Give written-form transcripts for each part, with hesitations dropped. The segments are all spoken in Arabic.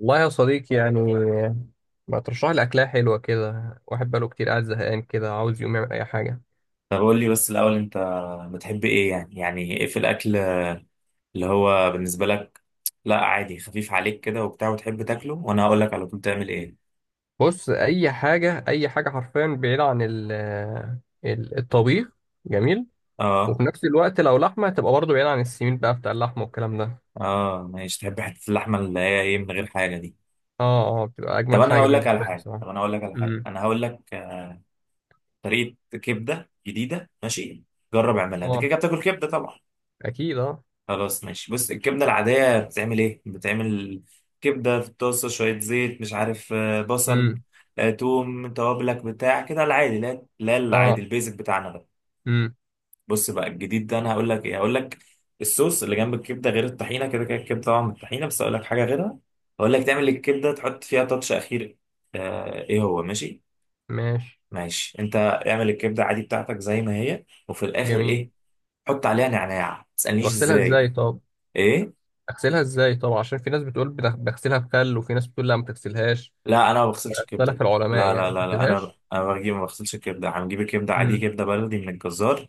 والله يا صديقي يعني ما ترشح لي أكلة حلوة كده. واحد بقاله كتير قاعد زهقان كده عاوز يقوم يعمل أي حاجة. طب قول لي بس الأول أنت بتحب إيه؟ يعني إيه في الأكل اللي هو بالنسبة لك؟ لا عادي خفيف عليك كده وبتاع وتحب تاكله، وأنا هقول لك على طول تعمل إيه. بص، أي حاجة أي حاجة حرفيا بعيدة عن الطبيخ. جميل. أه، وفي نفس الوقت لو لحمة تبقى برضه بعيدة عن السمين بقى بتاع اللحمة والكلام ده. أه ماشي، تحب حتة اللحمة اللي هي إيه من غير حاجة دي. اه اه، بتبقى طب أجمد أنا حاجة هقول لك على بالنسبة لي حاجة طب بصراحة. أنا هقول لك على حاجة امم أنا هقول لك طريقة كبدة جديدة، ماشي؟ جرب اعملها أنت. كده اه كده بتاكل كبدة طبعا. أكيد اه. خلاص ماشي، بص، الكبدة العادية بتتعمل ايه؟ بتعمل كبدة في الطاسة، شوية زيت مش عارف بصل، امم توم، توابلك بتاع كده العادي، لا العادي اه. البيزك بتاعنا ده. امم بص بقى الجديد ده، انا هقول لك ايه، هقول لك الصوص اللي جنب الكبدة غير الطحينة. كده كده الكبدة طبعا الطحينة، بس هقول لك حاجة غيرها. هقول لك تعمل الكبدة تحط فيها تاتش أخير، ايه هو، ماشي؟ ماشي. ماشي، انت اعمل الكبدة عادي بتاعتك زي ما هي، وفي الآخر جميل. ايه؟ حط عليها نعناع، ما طب تسألنيش أغسلها ازاي. إزاي؟ طب ايه؟ أغسلها إزاي؟ طب عشان في ناس بتقول بغسلها بخل، وفي ناس بتقول لا ما تغسلهاش. لا انا ما بغسلش اختلف الكبده. العلماء لا يعني، لا ما لا لا انا تبدلهاش. انا بجيب، ما بغسلش الكبده، هنجيب الكبده عادي، امم كبده بلدي من الجزار.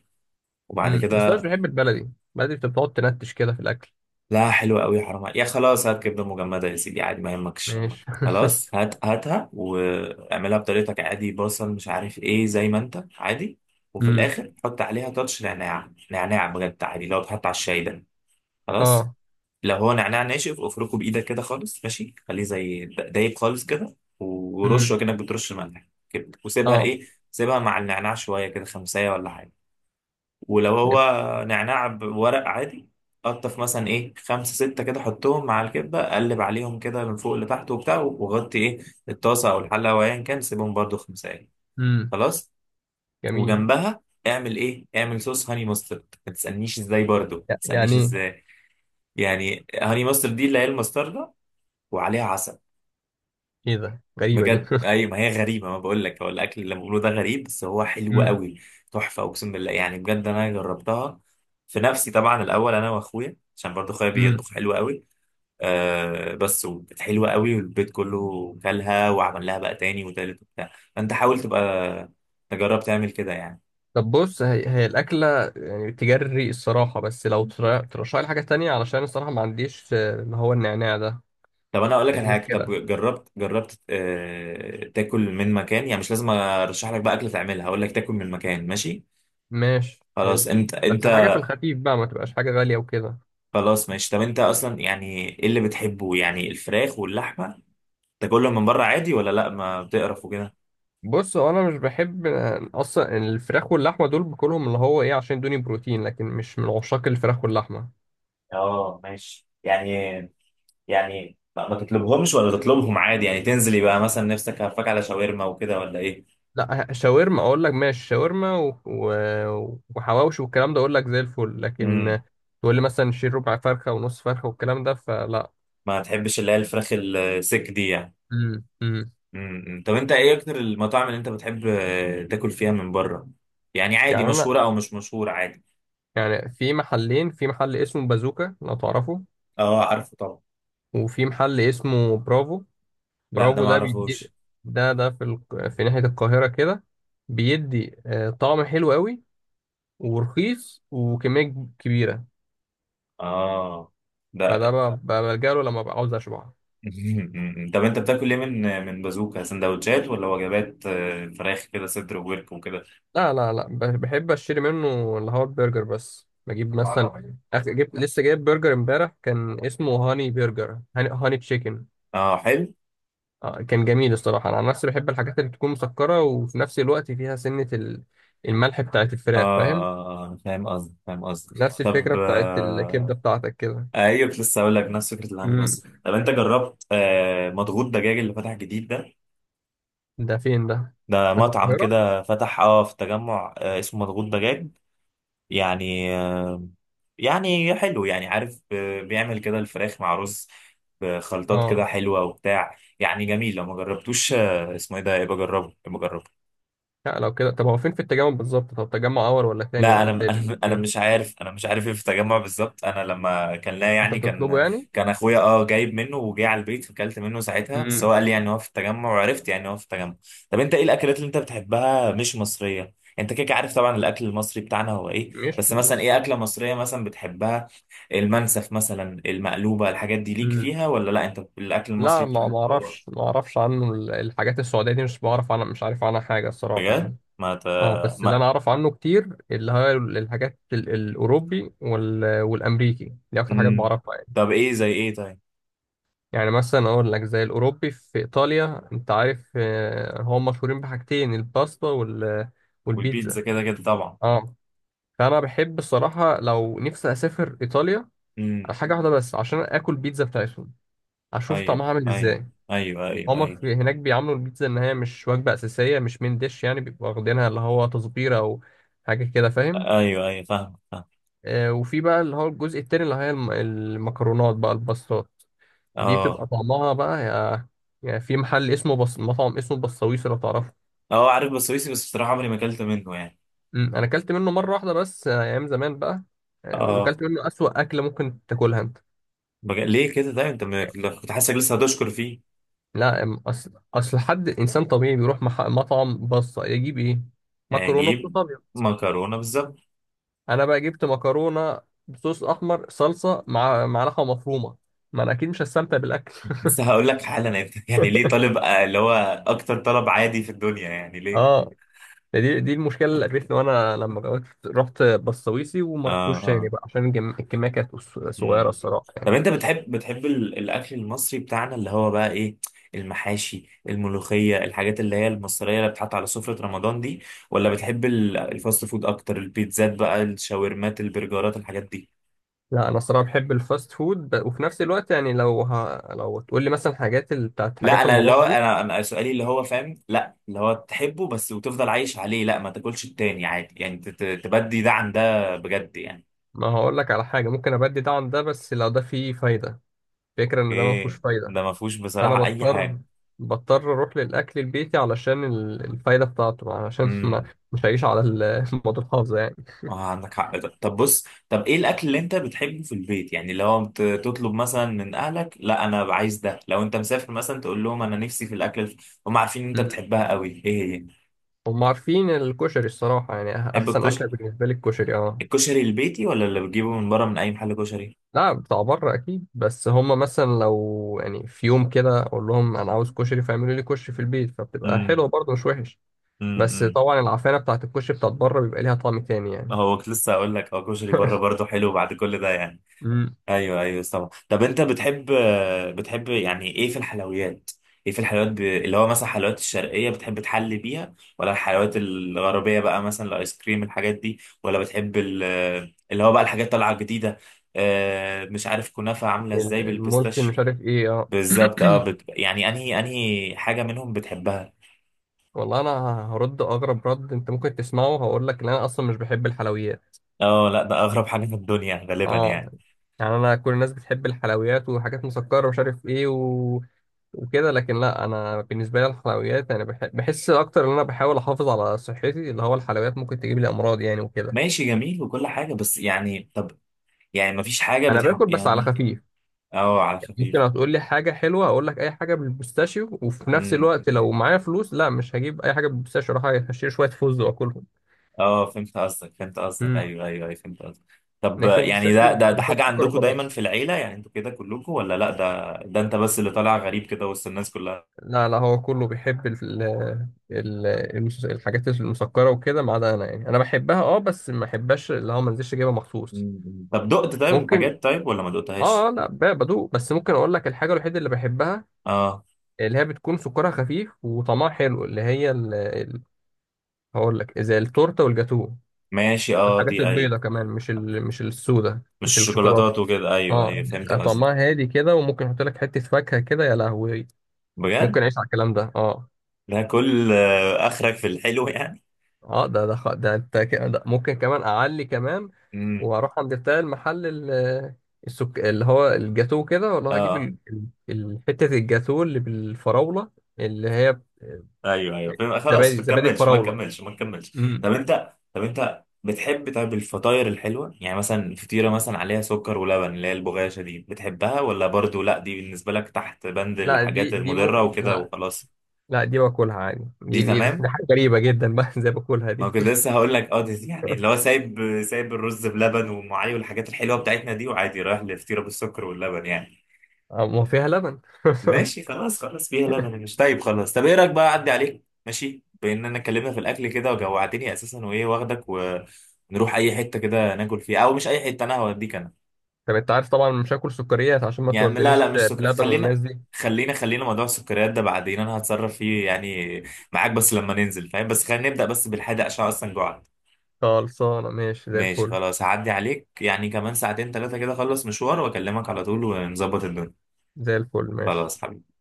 وبعد بس انا مش كده بحب البلدي. البلدي بتبقى بتقعد تنتش كده في الاكل. لا حلوه قوي، حرام عليك. يا خلاص هات كبده مجمده يا سيدي عادي، ما يهمكش. ماشي. خلاص، هات هاتها واعملها بطريقتك عادي، بصل مش عارف ايه، زي ما انت عادي. وفي امم الاخر حط عليها تاتش نعناع، نعناع بجد عادي، لو بتحط على الشاي ده خلاص. اه. لو هو نعناع ناشف، افركه بايدك كده خالص، ماشي؟ خليه زي دايب خالص كده، ورشه امم كأنك بترش ملح كده، وسيبها اه. ايه، سيبها مع النعناع شويه، كده خمسة ولا حاجه. ولو هو يب. نعناع بورق عادي، قطف مثلا ايه خمسة ستة كده، حطهم مع الكبة، قلب عليهم كده من فوق لتحت وبتاع، وغطي ايه الطاسة او الحلة او ايا كان، سيبهم برضو 5 دقايق، امم خلاص. جميل. وجنبها اعمل ايه، اعمل صوص هاني ماسترد، ما تسألنيش ازاي، برضو ما تسألنيش يعني ازاي. يعني هاني ماسترد دي اللي هي الماسترد وعليها عسل. ايه، إيه ده، غريبه دي. بجد، اي ما هي غريبه، ما بقول لك هو الاكل اللي بقوله ده غريب بس هو حلو امم قوي. تحفه، اقسم بالله يعني بجد، انا جربتها في نفسي طبعا الاول انا واخويا، عشان برضه اخويا امم بيطبخ حلو قوي. آه بس وكانت حلوه قوي، والبيت كله كلها، وعمل لها بقى تاني وتالت وبتاع، فانت حاول تبقى تجرب تعمل كده يعني. طب بص، هي الاكله يعني تجري الصراحه، بس لو ترشح لي حاجه تانية، علشان الصراحه ما عنديش اللي هو النعناع ده. طب انا اقول لك على فدي حاجه، طب مشكله. جربت جربت آه تاكل من مكان، يعني مش لازم ارشح لك بقى اكل تعملها، هقول لك تاكل من مكان، ماشي؟ ماشي، حلو. خلاص، انت بس حاجه انت في الخفيف بقى، ما تبقاش حاجه غاليه وكده. خلاص ماشي، طب انت اصلا يعني ايه اللي بتحبه؟ يعني الفراخ واللحمه تاكلهم من بره عادي، ولا لا ما بتقرف وكده؟ بص، هو انا مش بحب اصلا الفراخ واللحمه. دول باكلهم اللي هو ايه عشان يدوني بروتين، لكن مش من عشاق الفراخ واللحمه. اه ماشي يعني، يعني لا، ما تطلبهمش ولا تطلبهم عادي يعني، تنزلي بقى مثلا نفسك هفاك على شاورما وكده، ولا ايه؟ لا، شاورما اقول لك، ماشي. شاورما و... و... وحواوشي والكلام ده اقول لك زي الفل، لكن امم، تقول لي مثلا شيل ربع فرخه ونص فرخه والكلام ده فلا. ما تحبش اللي هي الفراخ السك دي يعني. امم امم امم، طب انت ايه اكتر المطاعم اللي انت بتحب تاكل فيها من بره؟ يعني عادي، يعني انا مشهوره او مش مشهوره عادي. يعني في محلين. في محل اسمه بازوكا لو تعرفه، اه، عارفه طبعا. وفي محل اسمه برافو. لا ده برافو ما ده بيدي. اعرفوش. ده في ال... في ناحية القاهرة كده. بيدي طعم حلو قوي ورخيص وكمية كبيرة. اه فده ده. بلجأ له لما ببقى عاوز أشبع. طب انت بتاكل ايه من من بازوكا، سندوتشات ولا وجبات، فراخ كده صدر وورك وكده؟ لا لا، بحب أشتري منه اللي هو البرجر بس. بجيب مثلا جبت لسه، جايب برجر امبارح كان اسمه هاني برجر، هاني تشيكن. اه حلو. كان جميل الصراحة. أنا عن نفسي بحب الحاجات اللي بتكون مسكرة، وفي نفس الوقت فيها سنة الملح بتاعت اه، الفراخ، فاهم. فاهم قصدك فاهم قصدك، نفس طب الفكرة بتاعت الكبدة آه. بتاعتك كده. ايوه، كنت لسه هقول لك نفس فكره الهاني امم. مصر. طب انت جربت آه مضغوط دجاج اللي فتح جديد ده؟ ده فين ده؟ ده ده في مطعم القاهرة؟ كده فتح اه في التجمع، آه اسمه مضغوط دجاج. يعني يعني حلو، يعني عارف بيعمل كده الفراخ مع رز بخلطات كده اه. حلوة وبتاع، يعني جميل. لو ما جربتوش، اسمه ايه ده، يبقى جربه، يبقى جربه. لا لو كده، طب هو فين في التجمع بالظبط؟ طب تجمع اول ولا تاني لا ولا انا تالت انا انا فين؟ مش عارف، انا مش عارف ايه في التجمع بالظبط. انا لما كان، لا انت يعني، بتطلبه كان يعني؟ كان اخويا اه جايب منه وجه على البيت، فكلت منه ساعتها، بس هو امم. قال لي يعني هو في التجمع، وعرفت يعني هو في التجمع. طب انت ايه الاكلات اللي انت بتحبها مش مصريه؟ انت كده كده عارف طبعا الاكل المصري بتاعنا هو ايه، مش بس مثلا ايه مصر. اكله مصريه مثلا بتحبها؟ المنسف مثلا، المقلوبه، الحاجات دي ليك امم. فيها ولا لا؟ انت الاكل المصري لا، ما بتاعك ما هو اعرفش، ما اعرفش عنه الحاجات السعوديه دي. مش بعرف عنها، مش عارف عنها حاجه الصراحه بجد يعني. ما ت... اه بس اللي انا ما اعرف عنه كتير اللي هي الحاجات الاوروبي وال... والامريكي، دي اكتر حاجات مم. بعرفها يعني. طب ايه زي ايه طيب؟ يعني مثلا اقول لك زي الاوروبي، في ايطاليا انت عارف هم مشهورين بحاجتين، الباستا وال... والبيتزا والبيتزا. كده كده طبعا. اه. فانا بحب الصراحه، لو نفسي اسافر ايطاليا على حاجه واحده بس عشان اكل بيتزا بتاعتهم، اشوف ايوه طعمها عامل ايوه ازاي. ايوه، ايوه هما في ايوه هناك بيعاملوا البيتزا ان هي مش وجبه اساسيه، مش من ديش يعني. بيبقوا واخدينها اللي هو تصبيره او حاجه كده، فاهم. ايوه ايوه، فاهم فاهم. آه، وفي بقى اللي هو الجزء التاني اللي هي المكرونات بقى، الباستات دي اه، بتبقى طعمها بقى يا يعني. في محل اسمه مطعم اسمه بصويس لو تعرفه. اه عارف بسويسي بس بصراحه عمري ما اكلت منه يعني. انا اكلت منه مره واحده بس، ايام زمان بقى. اه وكلت منه اسوأ اكله ممكن تاكلها انت. بج... ليه كده ده انت م... كنت حاسسك لسه هتشكر فيه. لا، اصل حد انسان طبيعي بيروح مطعم بصه يجيب ايه؟ مكرونه بصوص اجيب ابيض. مكرونه بالظبط. انا بقى جبت مكرونه بصوص احمر، صلصه مع لحمه مفرومه. ما انا اكيد مش هستمتع بالاكل. لسه هقول لك حالا انت يعني ليه طالب اللي هو اكتر طلب عادي في الدنيا، يعني ليه؟ اه، دي دي المشكله اللي قابلتني. وانا لما جوت رحت بسويسي وما اه رحتوش تاني آه. بقى، عشان الكميه كانت صغيره مم. الصراحه طب يعني. انت بتحب ال- الاكل المصري بتاعنا اللي هو بقى ايه، المحاشي، الملوخيه، الحاجات اللي هي المصريه اللي بتحط على سفره رمضان دي، ولا بتحب ال- الفاست فود اكتر، البيتزات بقى، الشاورمات، البرجرات، الحاجات دي؟ لا انا الصراحه بحب الفاست فود، وفي نفس الوقت يعني لو لو تقول لي مثلا حاجات ال... بتاعت لا حاجات انا اللي رمضان هو دي. انا سؤالي اللي هو فاهم، لا اللي هو تحبه بس وتفضل عايش عليه، لا ما تاكلش التاني عادي يعني، تبدي ده عن ده بجد يعني؟ ما هقول لك على حاجة ممكن أبدي ده عن ده، بس لو ده فيه فايدة. فكرة إن ده ما فيهوش ايه، فايدة، ده ما فيهوش فأنا بصراحه اي بضطر حاجه. بضطر أروح للأكل البيتي علشان الفايدة بتاعته، علشان ما امم. مش هعيش على المواد الحافظة يعني. اه عندك حق ده. طب بص، طب ايه الاكل اللي انت بتحبه في البيت؟ يعني لو انت تطلب مثلا من اهلك، لا انا عايز ده، لو انت مسافر مثلا تقول لهم انا نفسي في الاكل الف... هم عارفين ان انت مم. بتحبها قوي، ايه هي؟ هم عارفين الكشري الصراحة. يعني تحب أحسن أكلة الكشري؟ بالنسبة لي الكشري، أه. الكشري البيتي ولا اللي بتجيبه من بره من اي محل كشري؟ لا بتاع بره أكيد. بس هم مثلا لو يعني في يوم كده أقول لهم أنا عاوز كشري فيعملوا لي كشري في البيت، فبتبقى امم حلوة برضه مش وحش. بس امم طبعا العفانة بتاعت الكشري بتاعت بره بيبقى ليها طعم تاني يعني. هو كنت لسه هقول لك اه، كشري بره برضه حلو بعد كل ده يعني. مم. ايوه ايوه طبعا. طب انت بتحب، بتحب يعني ايه في الحلويات؟ ايه في الحلويات ب... اللي هو مثلا الحلويات الشرقيه بتحب تحلي بيها، ولا الحلويات الغربيه بقى، مثلا الايس كريم الحاجات دي، ولا بتحب ال... اللي هو بقى الحاجات طالعه جديده، آه مش عارف كنافه عامله ازاي الملكي، بالبيستاشيو. مش عارف ايه، اه. بالظبط، اه بت... يعني انهي انهي حاجه منهم بتحبها؟ والله انا هرد اغرب رد انت ممكن تسمعه. هقول لك ان انا اصلا مش بحب الحلويات. اه، لا ده اغرب حاجه في الدنيا غالبا اه. يعني. يعني انا كل الناس بتحب الحلويات وحاجات مسكره ومش عارف ايه و... وكده، لكن لا انا بالنسبه لي الحلويات، انا بحس اكتر ان انا بحاول احافظ على صحتي، اللي هو الحلويات ممكن تجيب لي امراض يعني وكده. ماشي جميل وكل حاجه بس، يعني طب يعني مفيش حاجه انا باكل بتحب بس على يعني؟ خفيف. اه، على يعني ممكن خفيف. هتقول لي حاجه حلوه، هقول لك اي حاجه بالبيستاشيو. وفي نفس الوقت لو معايا فلوس، لا مش هجيب اي حاجه بالبيستاشيو، اروح اشتري شويه فوز واكلهم. اه فهمت قصدك فهمت قصدك، مم. ايوه ايوه ايوه، فهمت قصدك. طب لكن يعني ده البيستاشيو ده بيبقى ده بيحط حاجة سكر عندكم دايما وخلاص. في العيلة، يعني انتوا كده كلكم، ولا لا ده ده انت بس اللي طالع غريب كده وسط الناس كلها؟ لا لا، هو كله بيحب ال ال الحاجات المسكرة وكده، ما عدا أنا يعني. أنا بحبها أه، بس ما بحبهاش اللي هو ما انزلش أجيبها مخصوص. مم. طب دقت طيب ممكن الحاجات طيب ولا ما أه، دقتهاش؟ لا بدوق. بس ممكن أقول لك الحاجة الوحيدة اللي بحبها، اه اللي هي بتكون سكرها خفيف وطعمها حلو، اللي هي ال... هقول لك زي التورتة والجاتوه. ماشي. اه والحاجات دي ايوه. البيضة كمان، مش ال... مش السودة، مش مش الشوكولاتة. شوكولاتات وكده، ايوه اه ايوه فهمت بيبقى قصدك. طعمها هادي كده، وممكن احط لك حتة فاكهة كده، يا لهوي. بجد، ممكن اعيش على الكلام ده اه. ده كل اخرك في الحلو يعني؟ اه ده ده ده انت ده ممكن كمان اعلي كمان، امم. واروح عند بتاع المحل اللي هو الجاتوه كده. والله هجيب اه ال... حتة الجاتوه اللي بالفراولة، اللي هي ايوه ايوه فاهم، خلاص زبادي، ما زبادي نكملش ما الفراولة. نكملش ما نكملش امم. طب انت، طب انت بتحب طيب الفطاير الحلوه، يعني مثلا فطيره مثلا عليها سكر ولبن، اللي هي البغاشه دي، بتحبها ولا برضو لا، دي بالنسبه لك تحت بند لا دي الحاجات دي المضره ممكن. وكده لا وخلاص؟ لا دي باكلها عادي. دي دي دي, دي تمام. دي حاجة غريبة جدا بقى، زي باكلها ما دي. كنت لسه هقول لك اه دي، يعني اللي هو سايب سايب الرز بلبن وام علي والحاجات الحلوه بتاعتنا دي، وعادي رايح لفطيره بالسكر واللبن يعني. آه، ما فيها لبن. ماشي خلاص خلاص، فيها لبن مش طيب، خلاص. طب ايه رايك بقى اعدي عليك ماشي، بان انا اتكلمنا في الاكل كده وجوعتني اساسا، وايه واخدك ونروح اي حته كده ناكل فيها، او مش اي حته، انا هوديك انا طب انت عارف طبعا مش هاكل سكريات عشان ما يعني. لا تودنيش لا مش سك... بلبن خلينا والناس دي. خلينا خلينا موضوع السكريات ده بعدين انا هتصرف فيه يعني معاك، بس لما ننزل فاهم، بس خلينا نبدا بس بالحادق عشان اصلا جوعت. خلصانة، ماشي، زي ماشي الفل. خلاص، هعدي عليك يعني كمان ساعتين 3 كده، اخلص مشوار واكلمك على طول ونظبط الدنيا. زي الفل، ماشي. خلاص حبيبي.